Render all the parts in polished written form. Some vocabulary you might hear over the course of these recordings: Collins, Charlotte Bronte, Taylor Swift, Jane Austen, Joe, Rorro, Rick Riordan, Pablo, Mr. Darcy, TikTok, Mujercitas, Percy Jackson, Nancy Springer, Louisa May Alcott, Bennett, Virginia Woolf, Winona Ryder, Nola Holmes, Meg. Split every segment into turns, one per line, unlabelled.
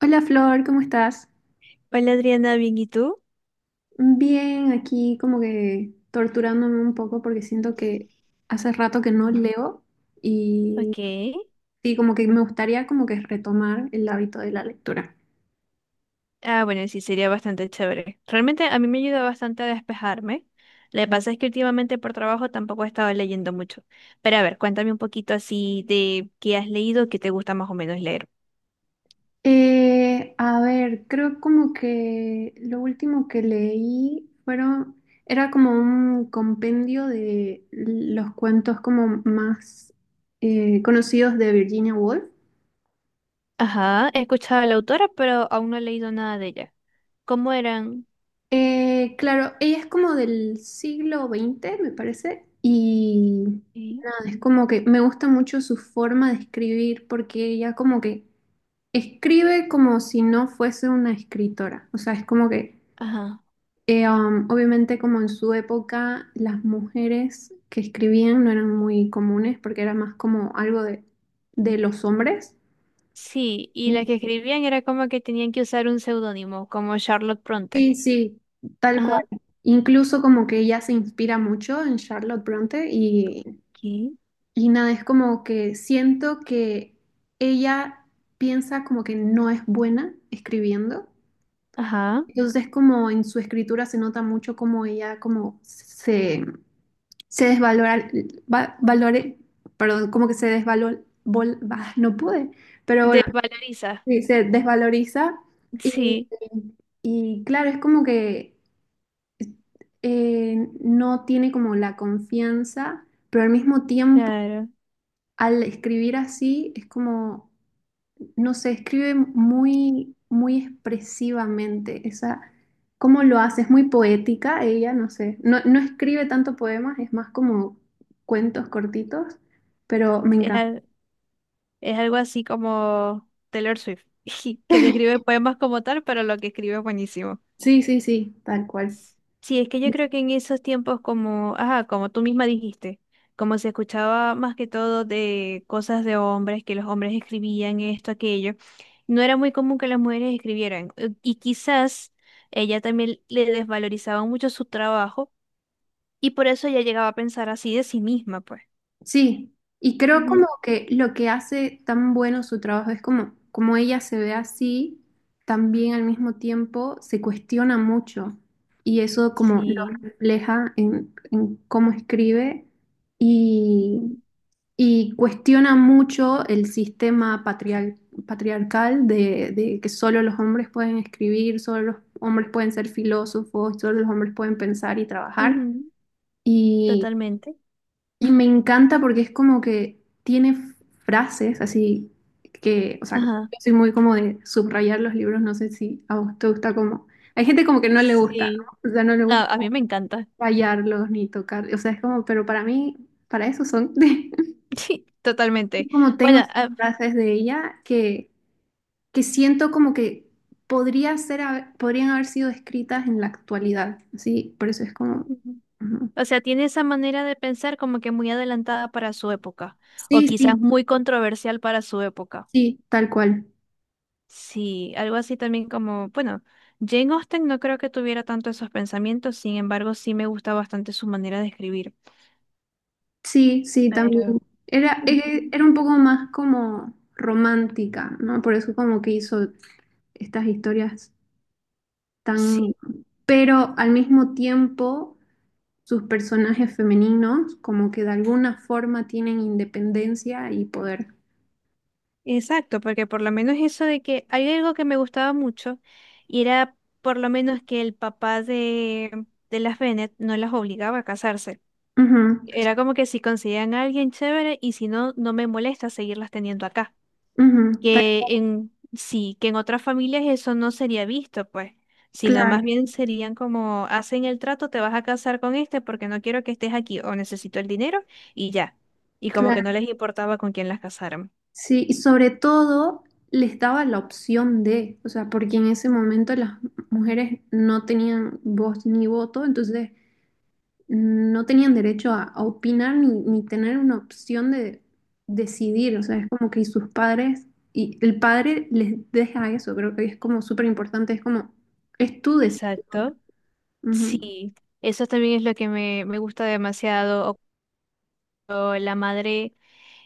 Hola Flor, ¿cómo estás?
Hola Adriana, bien, ¿y tú?
Bien, aquí como que torturándome un poco porque siento que hace rato que no
Mm.
leo y
Ok.
sí, como que me gustaría como que retomar el hábito de la lectura.
Ah, bueno, sí, sería bastante chévere. Realmente a mí me ayuda bastante a despejarme. Lo que pasa es que últimamente por trabajo tampoco he estado leyendo mucho. Pero a ver, cuéntame un poquito así de qué has leído, qué te gusta más o menos leer.
A ver, creo como que lo último que leí era como un compendio de los cuentos como más conocidos de Virginia Woolf.
Ajá, he escuchado a la autora, pero aún no he leído nada de ella. ¿Cómo eran?
Claro, ella es como del siglo XX, me parece, y
Sí.
nada, es como que me gusta mucho su forma de escribir porque ella como que escribe como si no fuese una escritora, o sea, es como que
Ajá.
obviamente como en su época las mujeres que escribían no eran muy comunes porque era más como algo de los hombres.
Sí, y las
Mm.
que escribían era como que tenían que usar un seudónimo, como Charlotte Bronte.
Sí, sí, tal cual.
Ajá.
Incluso como que ella se inspira mucho en Charlotte Bronte y
¿Qué?
Y nada, es como que siento que ella piensa como que no es buena escribiendo.
Ajá.
Entonces como en su escritura se nota mucho como ella como se desvalora, valore, perdón, como que se desvalor, bah, no pude, pero
De
bueno,
Valeriza.
sí, se desvaloriza y,
Sí.
y claro, es como que no tiene como la confianza, pero al mismo tiempo
Claro,
al escribir así es como no se escribe muy, muy expresivamente. Esa, ¿cómo lo hace? Es muy poética ella, no sé. No, no escribe tanto poemas, es más como cuentos cortitos, pero me
es,
encanta.
al- es algo así como Taylor Swift, que no escribe poemas como tal, pero lo que escribe es buenísimo.
Sí, sí, sí, tal cual.
Sí, es que yo creo que en esos tiempos como, ajá, como tú misma dijiste, como se escuchaba más que todo de cosas de hombres, que los hombres escribían esto, aquello, no era muy común que las mujeres escribieran. Y quizás ella también le desvalorizaba mucho su trabajo y por eso ella llegaba a pensar así de sí misma, pues.
Sí, y creo como
Ujú.
que lo que hace tan bueno su trabajo es como, como ella se ve así, también al mismo tiempo se cuestiona mucho y eso como lo
Sí.
refleja en cómo escribe y
Ujú.
Y cuestiona mucho el sistema patriarcal de que solo los hombres pueden escribir, solo los hombres pueden ser filósofos, solo los hombres pueden pensar y trabajar.
Ujú.
Y,
Totalmente.
y me encanta porque es como que tiene frases así que, o sea, yo
Ajá.
soy muy como de subrayar los libros, no sé si a vos te gusta como... Hay gente como que no le gusta,
Sí,
¿no? O sea, no le
no,
gusta
a mí me encanta.
rayarlos ni tocar, o sea, es como, pero para mí, para eso son...
Sí, totalmente.
Como tengo
Bueno,
esas
ah,
frases de ella que siento como que podrían haber sido escritas en la actualidad. Sí, por eso es como...
ujú.
Ujú.
O sea, tiene esa manera de pensar como que muy adelantada para su época, o
Sí,
quizás
sí,
muy controversial para su época.
sí, tal cual.
Sí, algo así también como, bueno, Jane Austen no creo que tuviera tanto esos pensamientos, sin embargo, sí me gusta bastante su manera de escribir.
Sí, sí, también.
Pero
Era,
mm,
eh, era un poco más como romántica, ¿no? Por eso como que hizo estas historias tan...
sí.
Pero al mismo tiempo, sus personajes femeninos como que de alguna forma tienen independencia y poder.
Exacto, porque por lo menos eso de que hay algo que me gustaba mucho y era por lo menos que el papá de las Bennett no las obligaba a casarse.
Ujú.
Era como que si conseguían a alguien chévere y si no, no me molesta seguirlas teniendo acá.
Ujú.
Que en sí, que en otras familias eso no sería visto, pues, sino
Claro,
más bien serían como hacen el trato, te vas a casar con este porque no quiero que estés aquí o necesito el dinero y ya. Y como que no
claro.
les importaba con quién las casaran.
Sí, y sobre todo les daba la opción de, o sea, porque en ese momento las mujeres no tenían voz ni voto, entonces no tenían derecho a opinar ni tener una opción de decidir, o sea, es como que sus padres, y el padre les deja eso, creo que es como súper importante, es como, es tu decisión.
Exacto.
Ujú.
Sí, eso también es lo que me gusta demasiado. O cuando la madre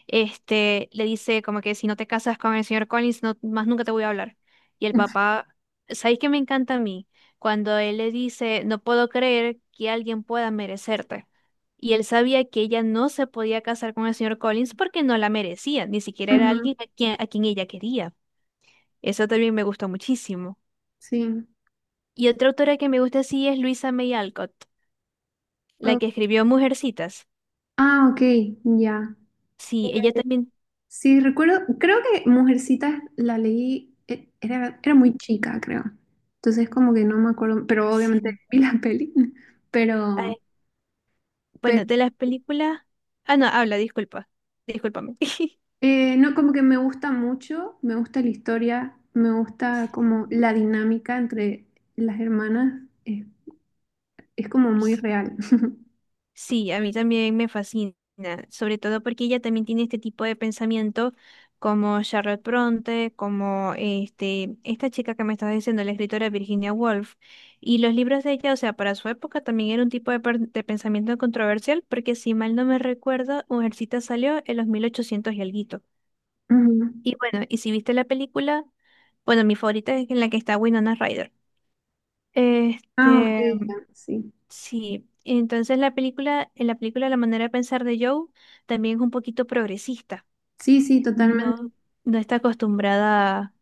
este, le dice como que si no te casas con el señor Collins, no, más nunca te voy a hablar. Y el papá, ¿sabéis qué me encanta a mí? Cuando él le dice, no puedo creer que alguien pueda merecerte. Y él sabía que ella no se podía casar con el señor Collins porque no la merecía, ni siquiera era
Ujú.
alguien a quien ella quería. Eso también me gustó muchísimo.
Sí.
Y otra autora que me gusta así es Luisa May Alcott, la
O-
que escribió Mujercitas.
Ah, ok, ya.
Sí, ella también,
Sí, recuerdo, creo que Mujercitas la leí, era muy chica, creo. Entonces como que no me acuerdo, pero obviamente
sí.
vi la peli,
A
pero,
ver,
pero
bueno, de las películas. Ah, no, habla, disculpa. Discúlpame.
eh, no, como que me gusta mucho, me gusta la historia, me gusta como la dinámica entre las hermanas, es como muy real.
Sí, a mí también me fascina, sobre todo porque ella también tiene este tipo de pensamiento como Charlotte Bronte, como este, esta chica que me estás diciendo, la escritora Virginia Woolf, y los libros de ella, o sea, para su época también era un tipo de pensamiento controversial, porque si mal no me recuerdo, Mujercita salió en los 1800 y algo.
Ujú.
Y bueno, y si viste la película, bueno, mi favorita es en la que está Winona Ryder.
Ah, ok,
Este,
ya, sí.
sí, entonces la película, en la película la manera de pensar de Joe también es un poquito progresista.
Sí, sí, totalmente.
No, no está acostumbrada, a-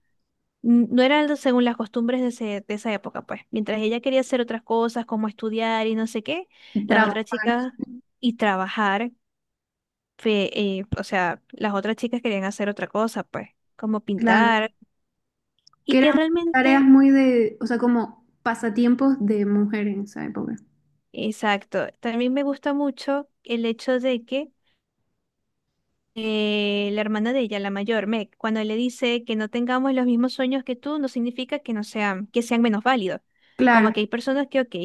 n- no era algo según las costumbres de esa época, pues. Mientras ella quería hacer otras cosas, como estudiar y no sé qué, las
Trabajar,
otras chicas y trabajar, fe- o sea, las otras chicas querían hacer otra cosa, pues, como
claro.
pintar,
Que
y que
eran tareas
realmente
muy de, o sea, como pasatiempos de mujer en esa época.
Exacto. También me gusta mucho el hecho de que la hermana de ella, la mayor, Meg, cuando le dice que no tengamos los mismos sueños que tú, no significa que no sean, que sean menos válidos. Como
Claro,
que hay personas que, ok,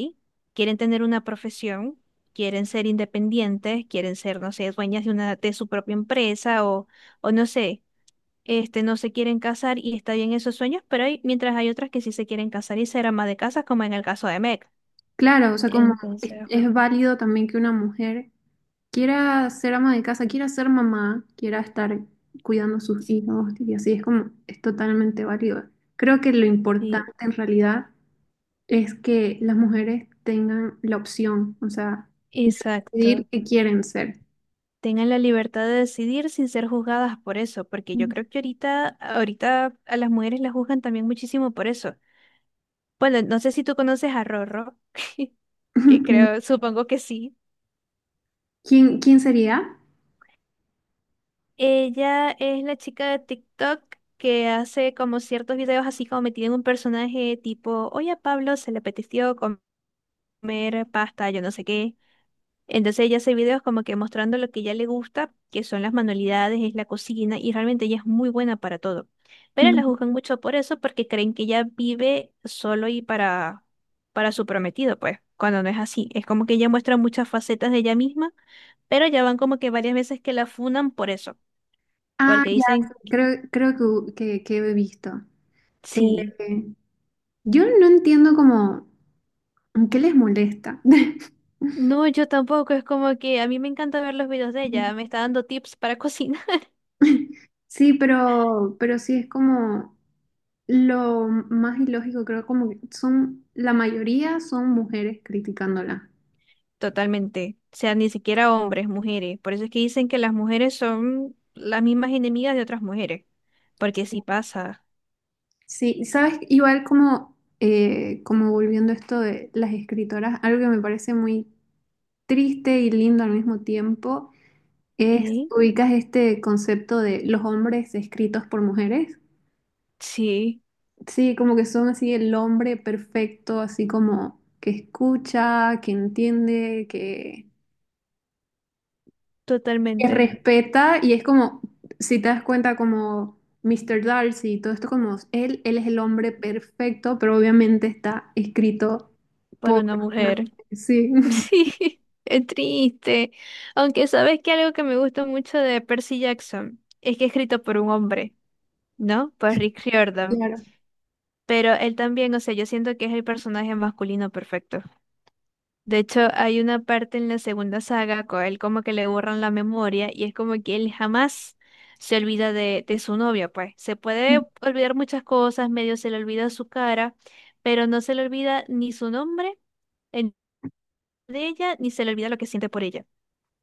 quieren tener una profesión, quieren ser independientes, quieren ser, no sé, dueñas de una, de su propia empresa o no sé, este, no se quieren casar y está bien esos sueños, pero hay, mientras hay otras que sí se quieren casar y ser ama de casa, como en el caso de Meg.
claro, o sea, como es,
Entonces,
es válido también que una mujer quiera ser ama de casa, quiera ser mamá, quiera estar cuidando a sus hijos y así es como es totalmente válido. Creo que lo importante
sí.
en realidad es que las mujeres tengan la opción, o sea, decidir
Exacto.
qué quieren ser.
Tengan la libertad de decidir sin ser juzgadas por eso, porque yo creo que ahorita, ahorita a las mujeres las juzgan también muchísimo por eso. Bueno, no sé si tú conoces a Rorro, que creo, supongo que sí.
¿Quién sería?
Ella es la chica de TikTok que hace como ciertos videos así como metida en un personaje tipo, oye a Pablo se le apeteció comer pasta, yo no sé qué. Entonces ella hace videos como que mostrando lo que ella le gusta, que son las manualidades, es la cocina, y realmente ella es muy buena para todo. Pero la
Mm.
juzgan mucho por eso, porque creen que ella vive solo y para su prometido, pues, cuando no es así. Es como que ella muestra muchas facetas de ella misma, pero ya van como que varias veces que la funan por eso,
Ah,
porque
ya,
dicen,
sí, creo que he visto.
sí.
Eh, yo no entiendo como qué les molesta.
No, yo tampoco, es como que a mí me encanta ver los videos de ella, me está dando tips para cocinar.
Sí, pero sí es como lo más ilógico, creo como que son, la mayoría son mujeres criticándola.
Totalmente. O sea, ni siquiera hombres, mujeres. Por eso es que dicen que las mujeres son las mismas enemigas de otras mujeres. Porque sí pasa.
Sí, sabes, igual como, como volviendo a esto de las escritoras, algo que me parece muy triste y lindo al mismo tiempo
¿Ok?
ubicas este concepto de los hombres escritos por mujeres.
Sí,
Sí, como que son así el hombre perfecto, así como que escucha, que entiende, que
totalmente.
respeta y es como, si te das cuenta, como Mr. Darcy y todo esto, como él es el hombre perfecto, pero obviamente está escrito
Para
por
una
una-.
mujer.
Sí,
Sí, es triste. Aunque sabes que algo que me gusta mucho de Percy Jackson es que es escrito por un hombre, ¿no? Por Rick Riordan.
claro.
Pero él también, o sea, yo siento que es el personaje masculino perfecto. De hecho, hay una parte en la segunda saga con él como que le borran la memoria y es como que él jamás se olvida de su novia, pues. Se puede olvidar muchas cosas, medio se le olvida su cara, pero no se le olvida ni su nombre en- de ella, ni se le olvida lo que siente por ella.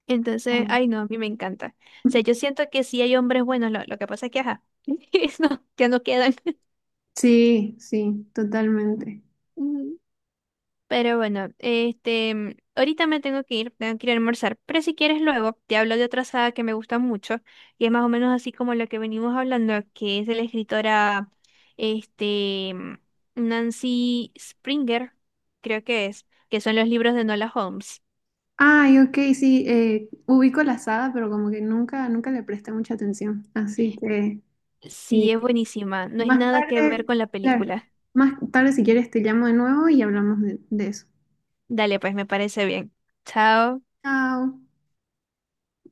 Entonces, ay no, a mí me encanta. O sea, yo siento que sí hay hombres buenos, lo que pasa es que, ajá, no, ya no quedan.
Sí, sí, totalmente.
Pero bueno, este, ahorita me tengo que ir a almorzar. Pero si quieres luego, te hablo de otra saga que me gusta mucho y es más o menos así como lo que venimos hablando, que es de la escritora, este, Nancy Springer, creo que es, que son los libros de Nola Holmes.
Ay, ok, sí, ubico la saga, pero como que nunca, nunca le presté mucha atención. Así que eh,
Sí, es buenísima, no es
más
nada que ver
tarde,
con la
claro,
película.
más tarde si quieres te llamo de nuevo y hablamos de eso.
Dale, pues me parece bien. Chao.
Chao.